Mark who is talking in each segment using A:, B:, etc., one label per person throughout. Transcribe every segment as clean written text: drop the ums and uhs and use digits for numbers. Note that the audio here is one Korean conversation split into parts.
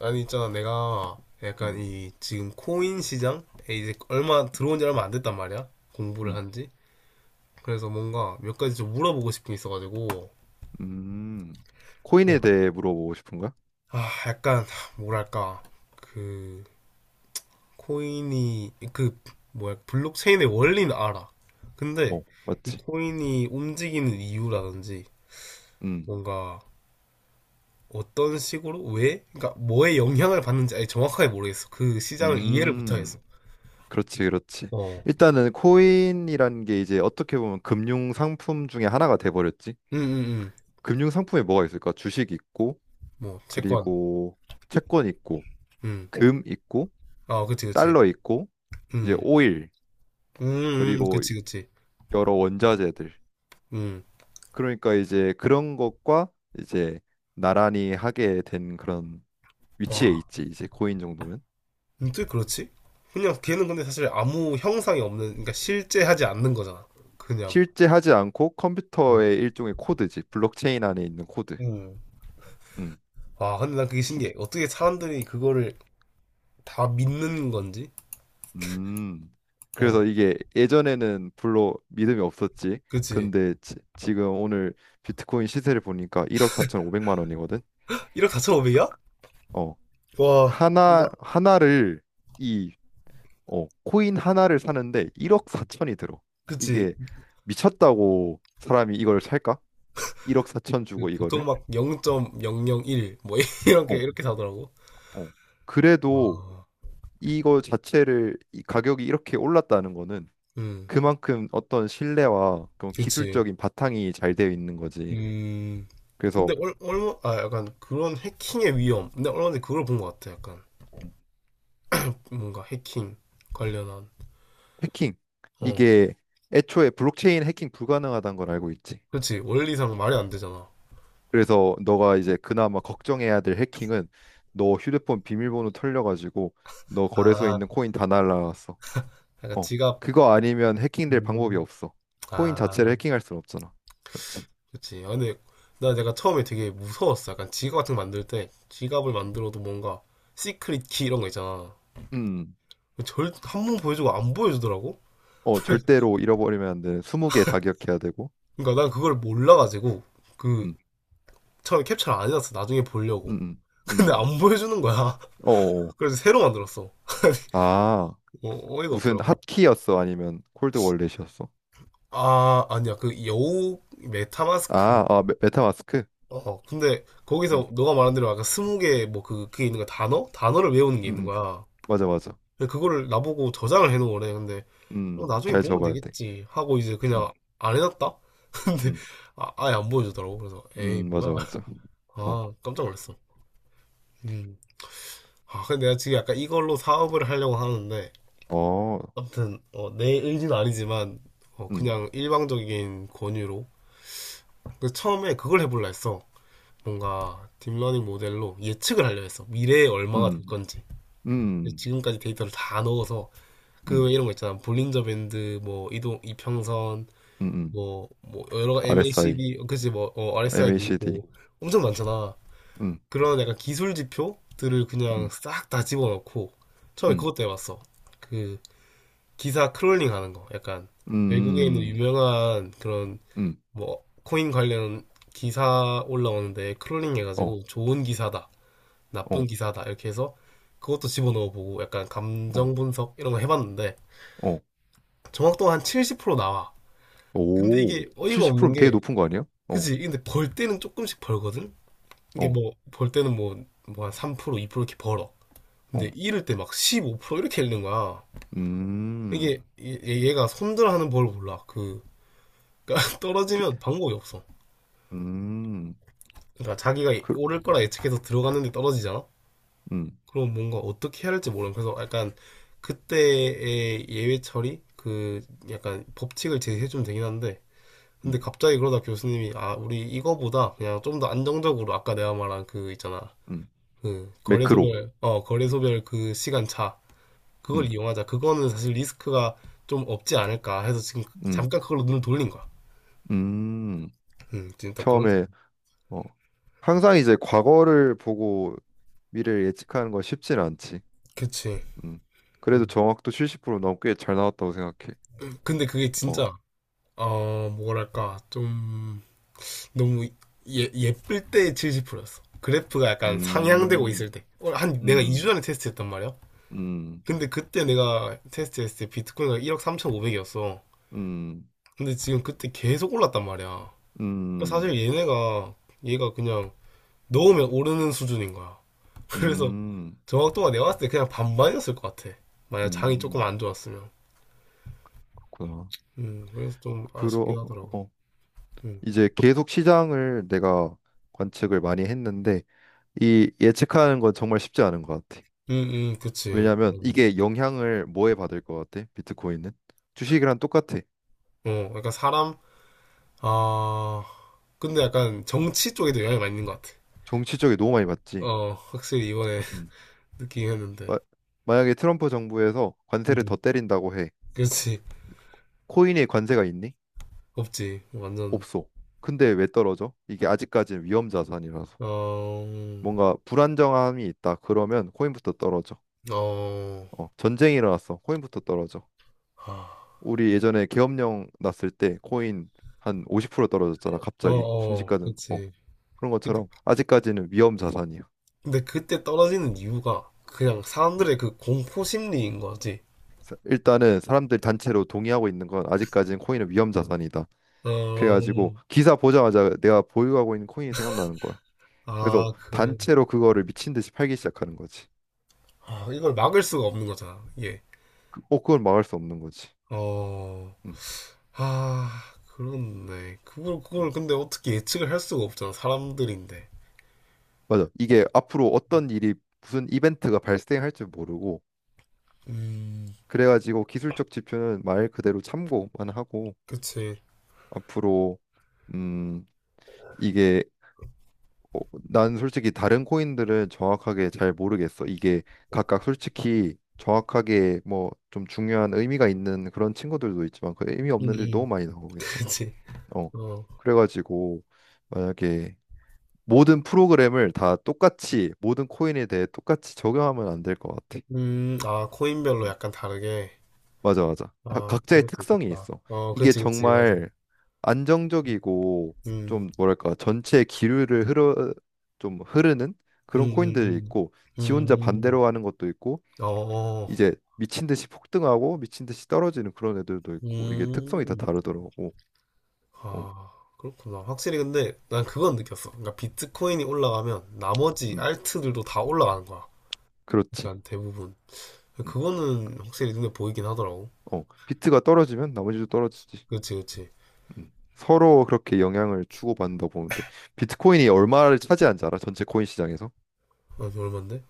A: 아니, 있잖아, 내가 약간
B: 음,
A: 이 지금 코인 시장에 이제 얼마 들어온 지 얼마 안 됐단 말이야, 공부를
B: 음,
A: 한지 그래서 뭔가 몇 가지 좀 물어보고 싶은 게 있어가지고.
B: 음. 코인에
A: 어.
B: 대해 물어보고 싶은 거야?
A: 아, 약간 뭐랄까, 그 코인이, 그 뭐야, 블록체인의 원리는 알아, 근데
B: 어,
A: 이
B: 맞지?
A: 코인이 움직이는 이유라든지
B: 음,
A: 뭔가 어떤 식으로, 왜, 그러니까 뭐에 영향을 받는지 아예 정확하게 모르겠어. 그 시장을 이해를
B: 음,
A: 못하겠어.
B: 그렇지, 그렇지.
A: 어.
B: 일단은 코인이라는 게 이제 어떻게 보면 금융 상품 중에 하나가 돼버렸지.
A: 응응응
B: 금융 상품에 뭐가 있을까? 주식 있고,
A: 뭐 채권.
B: 그리고 채권 있고, 어,
A: 음.
B: 금 있고,
A: 아, 그치, 그치.
B: 달러 있고, 이제
A: 음.
B: 오일, 그리고
A: 그치, 그치.
B: 여러 원자재들.
A: 음.
B: 그러니까 이제 그런 것과 이제 나란히 하게 된 그런 위치에
A: 와.
B: 있지, 이제 코인 정도면.
A: 근또 그렇지? 그냥 걔는 근데 사실 아무 형상이 없는, 그러니까 실제 하지 않는 거잖아. 그냥.
B: 실제 하지 않고
A: 음.
B: 컴퓨터의 일종의 코드지. 블록체인 안에 있는 코드.
A: 음.
B: 음.
A: 와, 근데 난 그게 신기해. 어떻게 사람들이 그거를 다 믿는 건지?
B: 음.
A: 어,
B: 그래서 이게 예전에는 별로 믿음이 없었지.
A: 그치.
B: 근데 지금 오늘 비트코인 시세를 보니까 1억 4 5백만 원이거든.
A: 1억 4, 5오백이야.
B: 어.
A: 와. 나,
B: 하나 하나를 이 코인 하나를 사는데 1억
A: 음.
B: 4천이 들어.
A: 그치.
B: 이게 미쳤다고 사람이 이걸 살까? 1억 4천
A: 그
B: 주고
A: 보통
B: 이거를?
A: 막 0.001, 뭐, 이렇게,
B: 어,
A: 이렇게 사더라고.
B: 어. 그래도
A: 와.
B: 이거 자체를 이 가격이 이렇게 올랐다는 거는
A: 음,
B: 그만큼 어떤 신뢰와 그런
A: 그치.
B: 기술적인 바탕이 잘 되어 있는 거지.
A: 음, 근데
B: 그래서
A: 아, 약간 그런 해킹의 위험. 근데 얼마 전에 그걸 본 것 같아. 약간 뭔가 해킹 관련한.
B: 해킹
A: 어,
B: 이게 애초에 블록체인 해킹 불가능하다는 걸 알고 있지.
A: 그렇지. 원리상 말이 안 되잖아.
B: 그래서 너가 이제 그나마 걱정해야 될 해킹은 너 휴대폰 비밀번호 털려가지고 너 거래소에
A: 아,
B: 있는 코인 다 날라갔어.
A: 약간
B: 어,
A: 지갑.
B: 그거 아니면 해킹될 방법이
A: 음,
B: 없어. 코인
A: 아,
B: 자체를 해킹할 순 없잖아. 맞지?
A: 그렇지. 아, 근데 나 내가 처음에 되게 무서웠어. 약간 지갑 같은 거 만들 때 지갑을 만들어도 뭔가 시크릿 키 이런 거 있잖아.
B: 음,
A: 한 번 보여주고 안 보여주더라고?
B: 절대로 잃어버리면 안 되는 20개 다 기억해야 되고.
A: 그러니까 난 그걸 몰라가지고, 그
B: 음,
A: 처음에 캡처를 안 해놨어. 나중에
B: 음,
A: 보려고. 근데
B: 음.
A: 안 보여주는 거야.
B: 어어.
A: 그래서 새로 만들었어.
B: 아,
A: 어, 이가
B: 무슨
A: 없더라고요.
B: 핫키였어? 아니면 콜드 월렛이었어?
A: 아, 아니야. 그 여우, 메타마스크.
B: 아, 아, 메타마스크?
A: 어, 근데 거기서
B: 음,
A: 너가 말한 대로 아까 20개 뭐 그게 있는 거야. 단어? 단어를 외우는 게
B: 음,
A: 있는
B: 음.
A: 거야.
B: 맞아, 맞아.
A: 근데 그거를 나보고 저장을 해놓은 거래. 근데 뭐 나중에
B: 잘
A: 보면
B: 적어야 돼.
A: 되겠지 하고 이제
B: 음,
A: 그냥 안 해놨다? 근데
B: 음,
A: 아, 아예 안 보여주더라고. 그래서 에이, 뭐야.
B: 맞아, 맞아. 어,
A: 아, 깜짝 놀랐어. 음. 아, 근데 내가 지금 약간 이걸로 사업을 하려고 하는데,
B: 어,
A: 아무튼 어, 내 의지는 아니지만, 어,
B: 음,
A: 그냥 일방적인 권유로. 그래서 처음에 그걸 해보려 했어. 뭔가 딥러닝 모델로 예측을 하려 했어. 미래에 얼마가
B: 음,
A: 될 건지. 그래서
B: 음,
A: 지금까지 데이터를 다 넣어서, 그
B: 음,
A: 이런 거 있잖아. 볼린저 밴드, 뭐 이동 이평선,
B: 음, 음.
A: 뭐 여러 가지
B: RSI,
A: MACD, 그치 뭐, RSI도
B: MACD,
A: 있고 엄청 많잖아.
B: 음,
A: 그런 약간 기술 지표들을 그냥
B: 음,
A: 싹 다 집어넣고, 처음에
B: 음,
A: 그것도 해봤어. 그 기사 크롤링 하는 거. 약간 외국에 있는
B: 음, 음,
A: 유명한 그런
B: 음.
A: 뭐 코인 관련 기사 올라오는데 크롤링
B: 어,
A: 해가지고 좋은 기사다, 나쁜
B: 어,
A: 기사다 이렇게 해서 그것도 집어넣어 보고, 약간
B: 어,
A: 감정 분석 이런 거 해봤는데
B: 어.
A: 정확도가 한 70% 나와. 근데
B: 오,
A: 이게 어이가 없는
B: 70%면 되게
A: 게,
B: 높은 거 아니야? 어,
A: 그지? 근데 벌 때는 조금씩 벌거든? 이게
B: 어,
A: 뭐 벌 때는 뭐 한 3% 2% 이렇게 벌어. 근데
B: 어.
A: 잃을 때 막 15% 이렇게 잃는 거야.
B: 음.
A: 이게 얘가 손절하는 법을 몰라. 그러니까 떨어지면 방법이 없어.
B: 음,
A: 그러니까 자기가
B: 그,
A: 오를 거라 예측해서 들어갔는데 떨어지잖아.
B: 음,
A: 그럼 뭔가 어떻게 해야 할지 모르는, 그래서 약간 그때의 예외 처리, 그 약간 법칙을 제시해 주면 되긴 한데. 근데
B: 음,
A: 갑자기 그러다 교수님이 아 우리 이거보다 그냥 좀 더 안정적으로, 아까 내가 말한 그 있잖아,
B: 음.
A: 그
B: 매크로.
A: 거래소별 그 시간 차, 그걸
B: 음,
A: 이용하자. 그거는 사실 리스크가 좀 없지 않을까 해서 지금
B: 음,
A: 잠깐 그걸로 눈을 돌린 거야.
B: 음.
A: 음, 진짜 그런.
B: 처음에, 어, 항상 이제 과거를 보고 미래를 예측하는 건 쉽진 않지.
A: 그치.
B: 음. 그래도
A: 음.
B: 정확도 70% 너무 꽤 잘 나왔다고 생각해.
A: 근데 그게
B: 어,
A: 진짜 어 뭐랄까, 좀 너무 예, 예쁠 때 70%였어. 그래프가 약간 상향되고
B: 음,
A: 있을 때. 어, 한 내가 2주
B: 음,
A: 전에 테스트했단 말이야.
B: 음,
A: 근데 그때 내가 테스트했을 때 비트코인가 1억 3,500이었어.
B: 음,
A: 근데 지금, 그때 계속 올랐단 말이야. 그러니까
B: 음,
A: 사실 얘네가, 얘가 그냥 넣으면 오르는 수준인 거야. 그래서
B: 음,
A: 정확도가 내가 봤을 때 그냥 반반이었을 것 같아. 만약 장이 조금
B: 음.
A: 안 좋았으면.
B: 그렇구나.
A: 그래서 좀
B: 그럼,
A: 아쉽긴 하더라고.
B: 어,
A: 음,
B: 이제 계속 시장을 내가 관측을 많이 했는데 이 예측하는 건 정말 쉽지 않은 것 같아.
A: 음, 그치.
B: 왜냐하면
A: 맞아.
B: 이게 영향을 뭐에 받을 것 같아? 비트코인은 주식이랑 똑같아.
A: 어, 그러니까 아, 근데 약간 정치 쪽에도 영향이 많이 있는 것 같아.
B: 정치 적이 너무 많이 받지.
A: 어, 확실히 이번에
B: 음.
A: 느끼긴 했는데.
B: 마- 만약에 트럼프 정부에서 관세를
A: 음,
B: 더 때린다고 해.
A: 그렇지.
B: 코인에 관세가 있니?
A: 없지. 완전.
B: 없어. 근데 왜 떨어져? 이게 아직까지는 위험 자산이라서
A: 어,
B: 뭔가 불안정함이 있다. 그러면 코인부터 떨어져.
A: 어,
B: 어, 전쟁이 일어났어. 코인부터 떨어져.
A: 아,
B: 우리 예전에 계엄령 났을 때 코인 한 50% 떨어졌잖아,
A: 어,
B: 갑자기
A: 어,
B: 순식간에. 어,
A: 그렇지.
B: 그런
A: 근데,
B: 것처럼 아직까지는 위험 자산이야.
A: 근데 그때 떨어지는 이유가 그냥
B: 음.
A: 사람들의 그 공포 심리인 거지.
B: 일단은 사람들 단체로 동의하고 있는 건 아직까지는 코인은 위험 자산이다.
A: 어,
B: 그래가지고 기사 보자마자 내가 보유하고 있는 코인이 생각나는 거야. 그래서
A: 아, 그래.
B: 단체로 그거를 미친 듯이 팔기 시작하는 거지.
A: 아, 이걸 막을 수가 없는 거잖아. 이게.
B: 그걸 막을 수 없는 거지.
A: 어,
B: 음,
A: 아, 그렇네. 그걸
B: 음.
A: 근데 어떻게 예측을 할 수가 없잖아. 사람들인데.
B: 맞아. 이게 앞으로 어떤 일이 무슨 이벤트가 발생할지 모르고
A: 음,
B: 그래가지고 기술적 지표는 말 그대로 참고만 하고
A: 그치.
B: 앞으로 음 이게 어, 난 솔직히 다른 코인들은 정확하게 잘 모르겠어. 이게 각각 솔직히 정확하게 뭐 좀 중요한 의미가 있는 그런 친구들도 있지만 그 의미
A: 음,
B: 없는 일이 너무
A: 음.
B: 많이 나오고 있어.
A: 그치.
B: 어.
A: 어.
B: 그래가지고 만약에 모든 프로그램을 다 똑같이 모든 코인에 대해 똑같이 적용하면 안 될 것 같아.
A: 아, 코인별로
B: 응.
A: 약간 다르게.
B: 맞아 맞아. 다
A: 아,
B: 각자의
A: 그럴 수
B: 특성이
A: 있겠다.
B: 있어.
A: 어,
B: 이게
A: 그치, 그치, 맞아.
B: 정말
A: 음,
B: 안정적이고
A: 음,
B: 좀 뭐랄까 전체 기류를 흐르 좀 흐르는
A: 음,
B: 그런 코인들이
A: 음.
B: 있고 지 혼자
A: 음,
B: 반대로 하는 것도 있고
A: 어, 어.
B: 이제 미친 듯이 폭등하고 미친 듯이 떨어지는 그런 애들도 있고 이게 특성이 다
A: 음.
B: 다르더라고. 어,
A: 아, 그렇구나. 확실히 근데 난 그건 느꼈어. 그러니까 비트코인이 올라가면 나머지
B: 음,
A: 알트들도 다 올라가는 거야.
B: 그렇지.
A: 약간 대부분.
B: 음,
A: 그거는 확실히 눈에 보이긴 하더라고.
B: 어, 비트가 떨어지면 나머지도 떨어지지.
A: 그치, 그치.
B: 서로 그렇게 영향을 주고받는다 보는데 비트코인이 얼마를 차지하는지 알아? 전체 코인 시장에서
A: 아, 얼만데?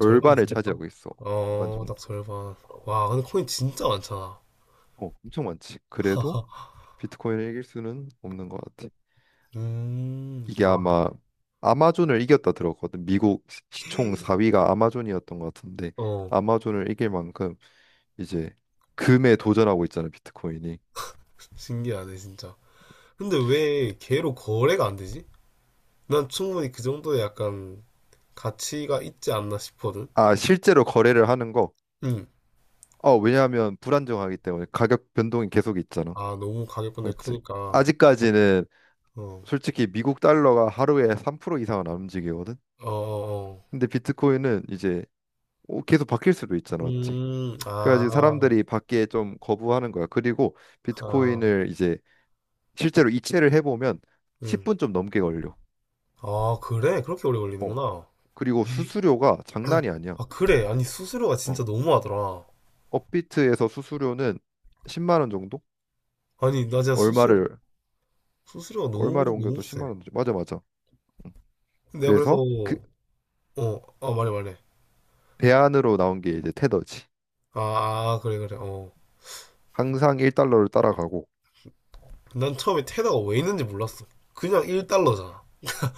A: 절반 이상인가?
B: 차지하고 있어. 일반
A: 어, 딱
B: 정도.
A: 절반. 와, 근데 코인 진짜 많잖아.
B: 어, 엄청 많지. 그래도 비트코인을 이길 수는 없는 것 같아. 이게
A: 아,
B: 아마 아마존을 이겼다 들었거든. 미국 시총 4위가 아마존이었던 것 같은데
A: 어,
B: 아마존을 이길 만큼 이제 금에 도전하고 있잖아, 비트코인이.
A: 신기하네, 진짜. 근데 왜 걔로 거래가 안 되지? 난 충분히 그 정도의 약간 가치가 있지 않나 싶거든?
B: 아, 실제로 거래를 하는 거.
A: 응.
B: 어, 왜냐하면 불안정하기 때문에 가격 변동이 계속 있잖아.
A: 아, 너무 가격권이
B: 맞지?
A: 크니까.
B: 아직까지는
A: 어,
B: 솔직히 미국 달러가 하루에 3% 이상은 안 움직이거든.
A: 어, 어. 어.
B: 근데 비트코인은 이제 계속 바뀔 수도 있잖아, 맞지? 그래가지고
A: 아,
B: 사람들이 받기에 좀 거부하는 거야. 그리고
A: 아,
B: 비트코인을 이제 실제로 이체를 해보면
A: 응.
B: 10분 좀 넘게 걸려.
A: 아, 그래? 그렇게 오래
B: 어.
A: 걸리는구나.
B: 그리고
A: 에이.
B: 수수료가 장난이 아니야.
A: 아, 그래. 아니, 수수료가 진짜
B: 어.
A: 너무하더라.
B: 업비트에서 수수료는 10만 원 정도?
A: 아니, 나 진짜 수수료,
B: 얼마를
A: 수수료가 너무,
B: 얼마를
A: 너무
B: 옮겨도
A: 세.
B: 10만 원. 맞아 맞아. 응.
A: 내가 그래서,
B: 그래서 그
A: 어, 아, 말해, 말해.
B: 대안으로 나온 게 이제 테더지.
A: 아, 아, 그래, 그래, 어.
B: 항상 1달러를 따라가고
A: 난 처음에 테다가 왜 있는지 몰랐어. 그냥 1달러잖아.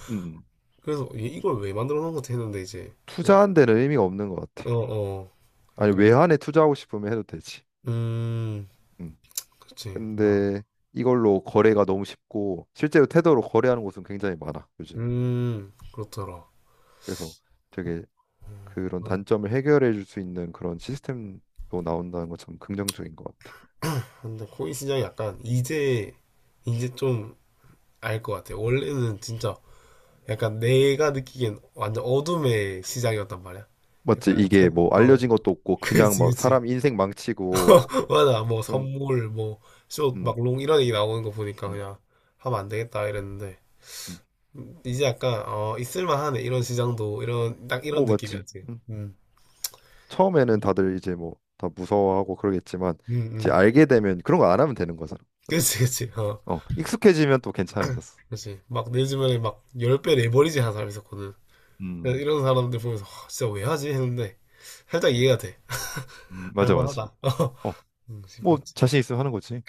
B: 음.
A: 그래서 얘 이걸 왜 만들어 놓은 거지 했는데 이제,
B: 투자한 데는 의미가 없는 것
A: 어,
B: 같아.
A: 어.
B: 아니
A: 약간.
B: 외환에 투자하고 싶으면 해도 되지.
A: 음,
B: 음.
A: 그치. 와.
B: 근데 이걸로 거래가 너무 쉽고 실제로 테더로 거래하는 곳은 굉장히 많아 요즘에.
A: 그렇더라.
B: 그래서 되게 그런
A: 음,
B: 단점을 해결해 줄 수 있는 그런 시스템도 나온다는 건 참 긍정적인 것 같아.
A: 근데 코인 시장이 약간 이제 좀 알 것 같아. 원래는 진짜 약간 내가 느끼기엔 완전 어둠의 시장이었단 말이야.
B: 맞지?
A: 약간
B: 이게 뭐
A: 어,
B: 알려진 것도 없고 그냥
A: 그치,
B: 막
A: 그치.
B: 사람 인생 망치고
A: 맞아. 뭐
B: 그런
A: 선물, 뭐 쇼,
B: 음,
A: 막롱 이런 얘기 나오는 거 보니까
B: 음,
A: 그냥 하면 안 되겠다 이랬는데.
B: 음.
A: 이제 약간 어 있을만하네, 이런 시장도 이런, 딱 이런
B: 오, 맞지?
A: 느낌이었지.
B: 음. 처음에는 다들 이제 뭐 다 무서워하고 그러겠지만
A: 음,
B: 이제
A: 음.
B: 알게 되면 그런 거 안 하면 되는 거잖아.
A: 그렇지,
B: 맞지?
A: 그렇지. 어,
B: 어, 익숙해지면 또 괜찮아졌어.
A: 그렇지. 막 내 주변에 막 10배 내버리지 하는 사람 있었거든. 그래서
B: 음,
A: 이런 사람들 보면서 "와, 진짜 왜 하지?" 했는데 살짝 이해가 돼.
B: 맞아, 맞아.
A: 할만하다. 응
B: 뭐
A: 싶었지.
B: 자신 있으면 하는 거지.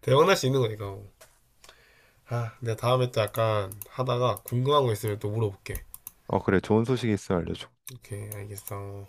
A: 대박날 수 있는 거니까. 뭐. 아, 내가 다음에 또 약간 하다가 궁금한 거 있으면 또 물어볼게.
B: 어, 그래. 좋은 소식이 있으면 알려줘.
A: 오케이, 알겠어.